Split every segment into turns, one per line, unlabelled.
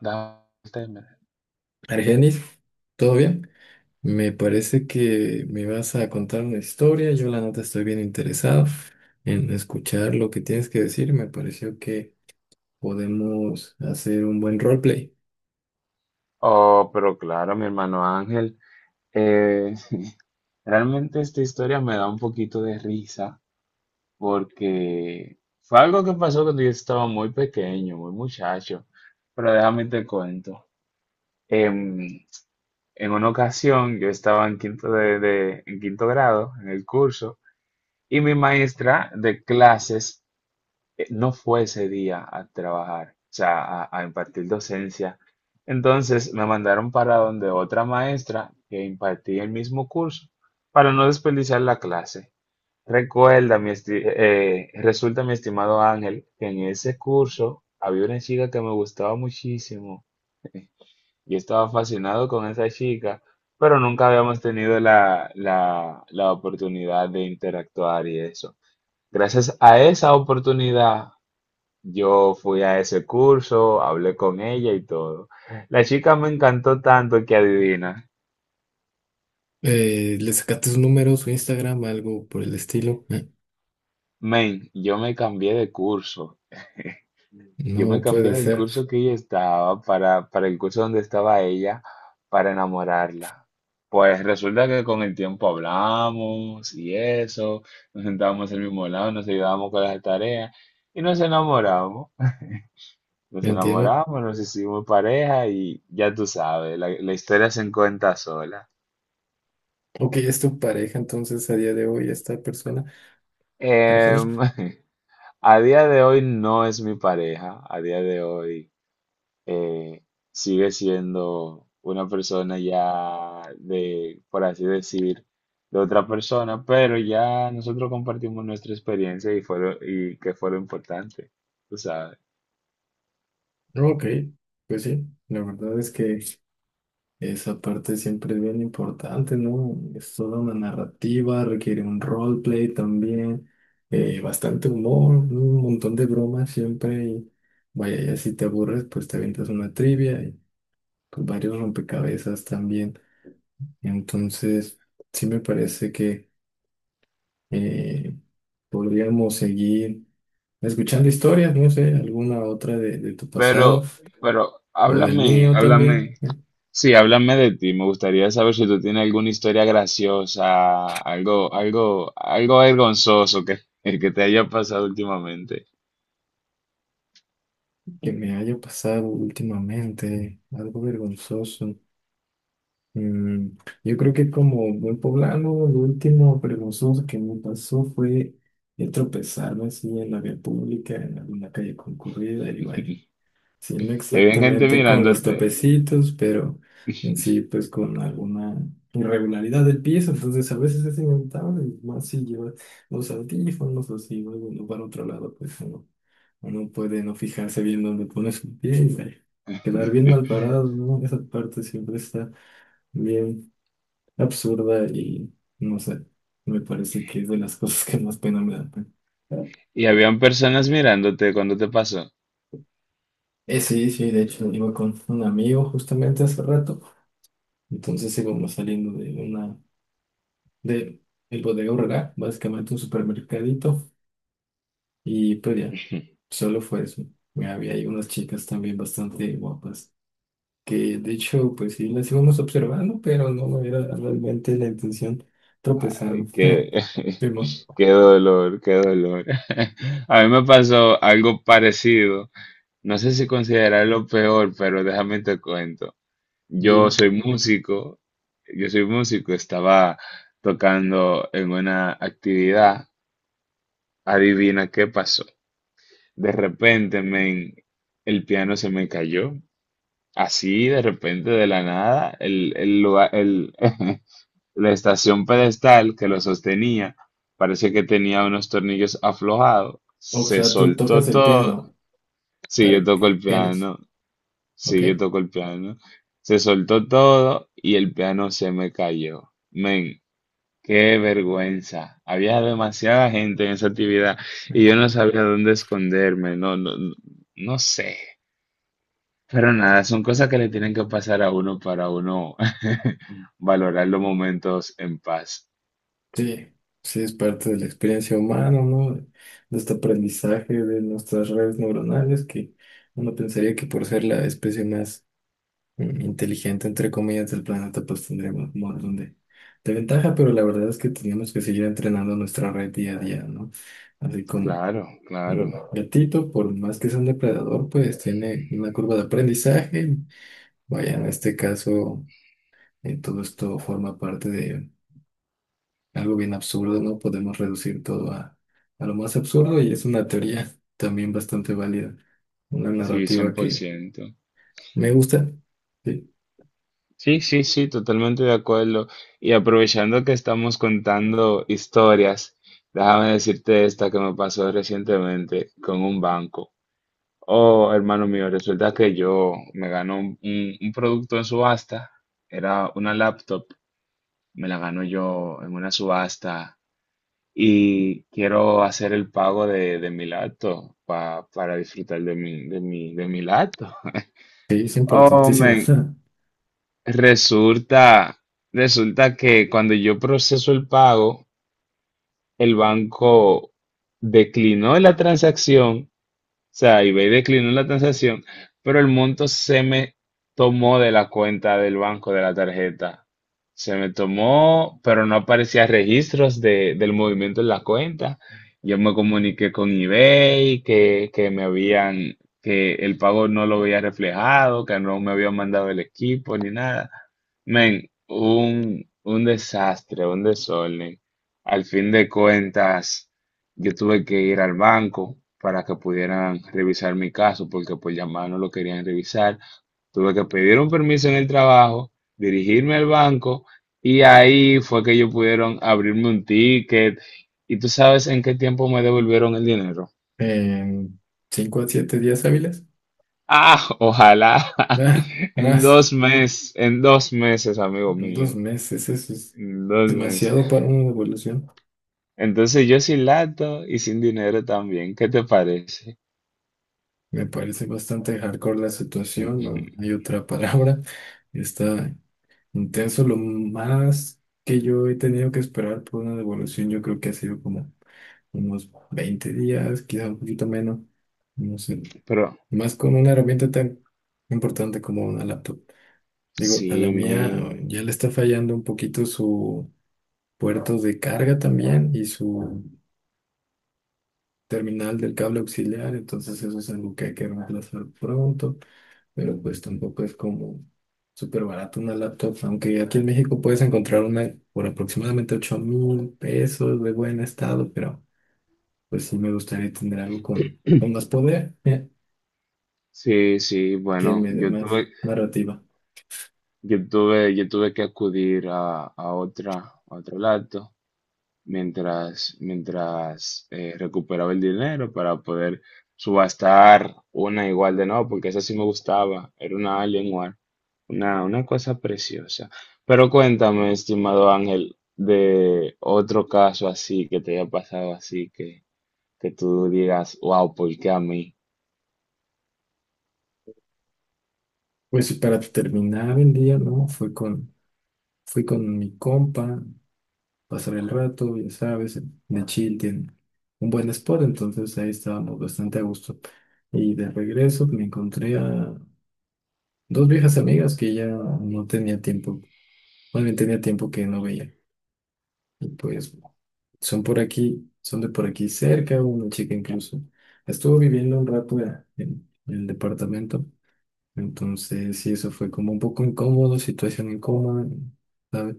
Dante
Argenis, ¿todo bien? Me parece que me vas a contar una historia. Yo la neta estoy bien interesado en escuchar lo que tienes que decir. Me pareció que podemos hacer un buen roleplay.
Oh, pero claro, mi hermano Ángel. eh, Realmente esta historia me da un poquito de risa porque fue algo que pasó cuando yo estaba muy pequeño, muy muchacho. Pero déjame te cuento. En, en una ocasión yo estaba en en quinto grado en el curso y mi maestra de clases no fue ese día a trabajar, o sea, a impartir docencia. Entonces me mandaron para donde otra maestra que impartía el mismo curso, para no desperdiciar la clase. Resulta, mi estimado Ángel, que en ese curso había una chica que me gustaba muchísimo. Yo estaba fascinado con esa chica, pero nunca habíamos tenido la oportunidad de interactuar y eso. Gracias a esa oportunidad yo fui a ese curso, hablé con ella y todo. La chica me encantó tanto que adivina.
¿Le sacaste su número, su Instagram, algo por el estilo?
Men, yo me cambié de curso. Yo me
No
cambié
puede
del
ser,
curso que ella estaba para el curso donde estaba ella para enamorarla. Pues resulta que con el tiempo hablamos y eso, nos sentábamos al mismo lado, nos ayudábamos con las tareas y nos enamoramos. Nos
no entiendo.
enamoramos, nos hicimos pareja y ya tú sabes, la historia se cuenta sola.
Ok, ¿es tu pareja entonces a día de hoy esta persona, Argenis?
Em, a día de hoy no es mi pareja, a día de hoy eh, sigue siendo una persona ya de, por así decir, de otra persona, pero ya nosotros compartimos nuestra experiencia y y que fue lo importante, tú sabes.
Ok, pues sí, la verdad es que... Esa parte siempre es bien importante, ¿no? Es toda una narrativa, requiere un roleplay también, bastante humor, un montón de bromas siempre. Y vaya, ya si te aburres, pues te avientas una trivia y pues, varios rompecabezas también. Entonces, sí me parece que eh, podríamos seguir escuchando historias, no sé, alguna otra de tu pasado
Pero, pero
o del
háblame,
mío también.
háblame. Sí, háblame de ti. Me gustaría saber si tú tienes alguna historia graciosa, algo vergonzoso que, que te haya pasado últimamente.
Que me haya pasado últimamente, algo vergonzoso. Mm, yo creo que como buen poblano, lo último vergonzoso que me pasó fue el tropezarme así en la vía pública, en alguna calle concurrida, y vaya, sí, no
Y había gente
exactamente con los
mirándote.
topecitos, pero en sí, pues con alguna irregularidad del piso, entonces a veces es inevitable, y más si llevas los audífonos o si vas de un lugar a otro lado, pues no, uno puede no fijarse bien dónde pone su pie y ay, quedar bien mal parado, ¿no? Esa parte siempre está bien absurda y no sé, me parece que es de las cosas que más pena me dan.
Y habían personas mirándote cuando te pasó.
Sí, sí, de hecho iba con un amigo justamente hace rato. Entonces íbamos saliendo de una, de el Bodega Aurrerá, básicamente un supermercadito, y pues ya, solo fue eso. Había ahí unas chicas también bastante guapas, que de hecho, pues sí, las íbamos observando, pero no me era realmente la intención tropezarme.
Ay, qué,
Primo,
qué dolor, qué dolor. A mí me pasó algo parecido. No sé si considerarlo peor, pero déjame te cuento. Yo
dime.
soy músico, yo soy músico, estaba tocando en una actividad, adivina qué pasó. De repente, men, el piano se me cayó, así de repente de la nada, la estación pedestal que lo sostenía, parece que tenía unos tornillos aflojados,
O
se
sea, tú
soltó
tocas el piano,
todo, sí, yo toco el
Argenis,
piano.
¿ok?
Sí, yo toco el piano. Se soltó todo y el piano se me cayó. Men, qué vergüenza. Había demasiada gente en esa actividad y yo no sabía dónde esconderme. No, no sé. Pero nada, son cosas que le tienen que pasar a uno para uno valorar los momentos en paz.
Sí, sí, es parte de la experiencia humana, ¿no? De este aprendizaje de nuestras redes neuronales, que uno pensaría que por ser la especie más inteligente, entre comillas, del planeta, pues tendríamos un montón de ventaja, pero la verdad es que teníamos que seguir entrenando nuestra red día a día, ¿no? Así como
Claro, claro.
un gatito, por más que sea un depredador, pues tiene una curva de aprendizaje. Vaya, en este caso, todo esto forma parte de algo bien absurdo, ¿no? Podemos reducir todo a lo más absurdo y es una teoría también bastante válida, una
Sí,
narrativa
cien por
que
ciento.
me gusta, sí,
Sí, sí, sí, totalmente de acuerdo. Y aprovechando que estamos contando historias, déjame decirte esta que me pasó recientemente con un banco. Oh, hermano mío, resulta que yo me ganó un producto en subasta, era una laptop, me la ganó yo en una subasta y quiero hacer el pago de mi laptop para disfrutar de mi laptop.
sí, es
Oh,
importantísima.
man, Resulta, resulta que cuando yo proceso el pago, el banco declinó la transacción sea, eBay declinó la transacción, pero el monto se me tomó de la cuenta del banco de la tarjeta. Se me tomó, pero no aparecía del movimiento en la cuenta. Yo me comuniqué con eBay que el pago no lo había reflejado, que no me habían mandado el equipo ni nada. Men, un desastre, un desorden. Al fin de cuentas. Yo tuve que ir al banco para que pudieran revisar mi caso porque por llamar no lo querían revisar. Tuve que pedir un permiso en el trabajo, dirigirme al banco y ahí fue que ellos pudieron abrirme un ticket. ¿Y tú sabes en qué tiempo me devolvieron el dinero?
En 5 a 7 días hábiles,
Ah, ojalá.
nada,
En
más,
2 meses, en dos meses, amigo
en dos
mío.
meses, eso es
En 2 meses.
demasiado para una evolución.
Entonces yo sin lato y sin dinero también. ¿Qué te parece?
Me parece bastante hardcore la situación, no hay otra palabra. Está intenso. Lo más que yo he tenido que esperar por una devolución, yo creo que ha sido como unos 20 días, quizá un poquito menos. No sé.
Pero
Más con una herramienta tan importante como una laptop. Digo, a la
sí, me...
mía ya le está fallando un poquito su puerto de carga también y su terminal del cable auxiliar, entonces eso es algo que hay que reemplazar pronto. Pero pues tampoco es como súper barato una laptop, aunque aquí en México puedes encontrar una por aproximadamente 8.000 pesos de buen estado, pero pues sí me gustaría tener algo con más poder,
Sí, sí,
que
bueno,
me dé más narrativa.
yo tuve que acudir a otra, a otro lado mientras recuperaba el dinero para poder subastar una igual de nuevo, porque esa sí me gustaba, era una Alienware, una cosa preciosa. Pero cuéntame, estimado Ángel, de otro caso así que te haya pasado así que tú digas, wow, ¿por qué a mí?
Pues y para terminar el día, ¿no? Fui con, fui con mi compa, pasar el rato, ya sabes, de chill tiene un buen spot, entonces ahí estábamos bastante a gusto. Y de regreso me encontré a dos viejas amigas que ya no tenía tiempo, más bien tenía tiempo que no veía. Y pues son por aquí, son de por aquí cerca, una chica incluso. Estuvo viviendo un rato en el departamento, entonces sí, eso fue como un poco incómodo, situación incómoda, ¿sabes?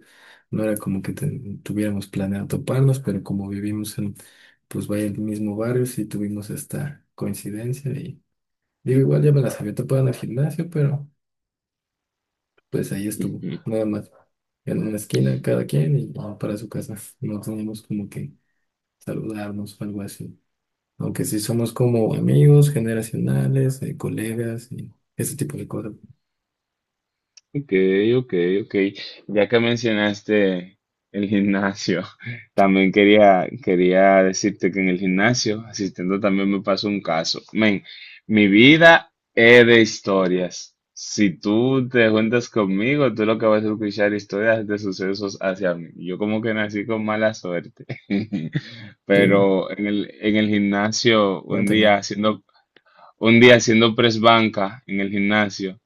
No era como que tuviéramos planeado toparnos, pero como vivimos en, pues vaya, el mismo barrio, sí tuvimos esta coincidencia y digo, igual ya me las había topado en el gimnasio, pero... pues ahí estuvo, nada más. En una esquina cada quien y ya para su casa. No teníamos como que saludarnos o algo así. Aunque sí somos como amigos generacionales, colegas y ese tipo de cosas.
Ok, ok, ok. Ya que mencionaste el gimnasio, también quería decirte que en el gimnasio, asistiendo también me pasó un caso. Men, mi vida es de historias. Si tú te juntas conmigo, tú lo que vas a escuchar historias de sucesos hacia mí. Yo como que nací con mala suerte.
Sí,
Pero en en el gimnasio,
cuéntame.
un día haciendo press banca en el gimnasio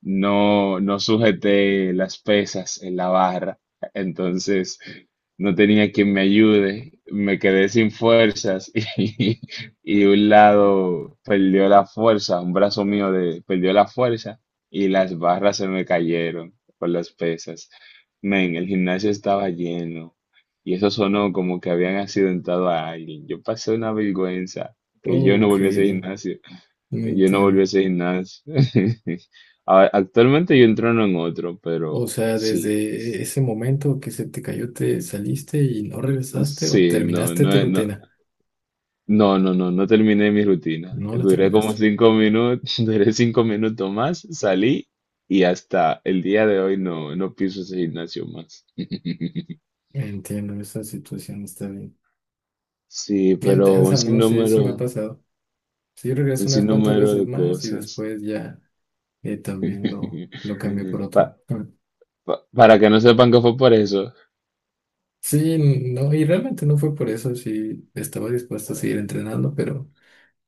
no, no sujeté las pesas en la barra, entonces no tenía quien me ayude, me quedé sin fuerzas y un lado perdió la fuerza, un brazo perdió la fuerza y las barras se me cayeron por las pesas. Men, el gimnasio estaba lleno y eso sonó como que habían accidentado a alguien. Yo pasé una vergüenza que yo no
Ok,
volví a ese gimnasio.
no
Yo no volví a
entiendo.
ese gimnasio. A- Actualmente yo entreno en otro, pero
O sea,
sí,
desde ese momento que se te cayó, te saliste y no regresaste o
sí, no,
terminaste
no,
tu
no,
rutina.
no, no, no, no terminé mi rutina.
No la
Duré como
terminaste.
5 minutos, duré 5 minutos más, salí y hasta el día de hoy no, no piso ese gimnasio más.
Entiendo, esa situación está bien.
Sí,
Bien
pero
tensa, ¿no? Sí, sí me ha pasado. Sí, regresé
un
unas cuantas
sinnúmero
veces
de
más y
cosas.
después ya también lo cambié por
Pa-
otro. Ah.
para que no sepan que fue por eso.
Sí, no, y realmente no fue por eso, sí estaba dispuesto a seguir entrenando, pero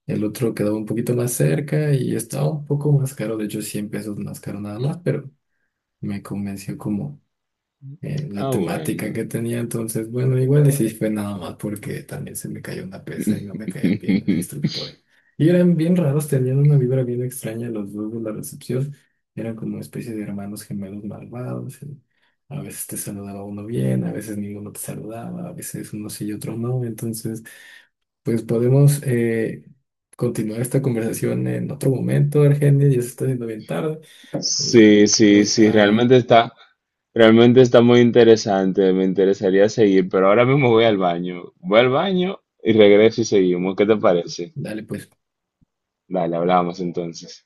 el otro quedaba un poquito más cerca y estaba un poco más caro, de hecho 100 pesos más caro nada más, pero me convenció como la
Ah,
temática
bueno.
que tenía. Entonces, bueno, igual y sí fue nada más porque también se me cayó una pesa y no me caían bien los instructores. Y eran bien raros, tenían una vibra bien extraña los dos de la recepción. Eran como una especie de hermanos gemelos malvados, y a veces te saludaba uno bien, a veces ninguno te saludaba, a veces unos sí y otros no. Entonces, pues podemos continuar esta conversación en otro momento, Argenia. Ya se está haciendo bien tarde y
Sí, sí,
voy
sí,
a...
realmente está muy interesante, me interesaría seguir, pero ahora mismo voy al baño y regreso y seguimos, ¿qué te parece?
Dale, pues.
Dale, hablamos entonces.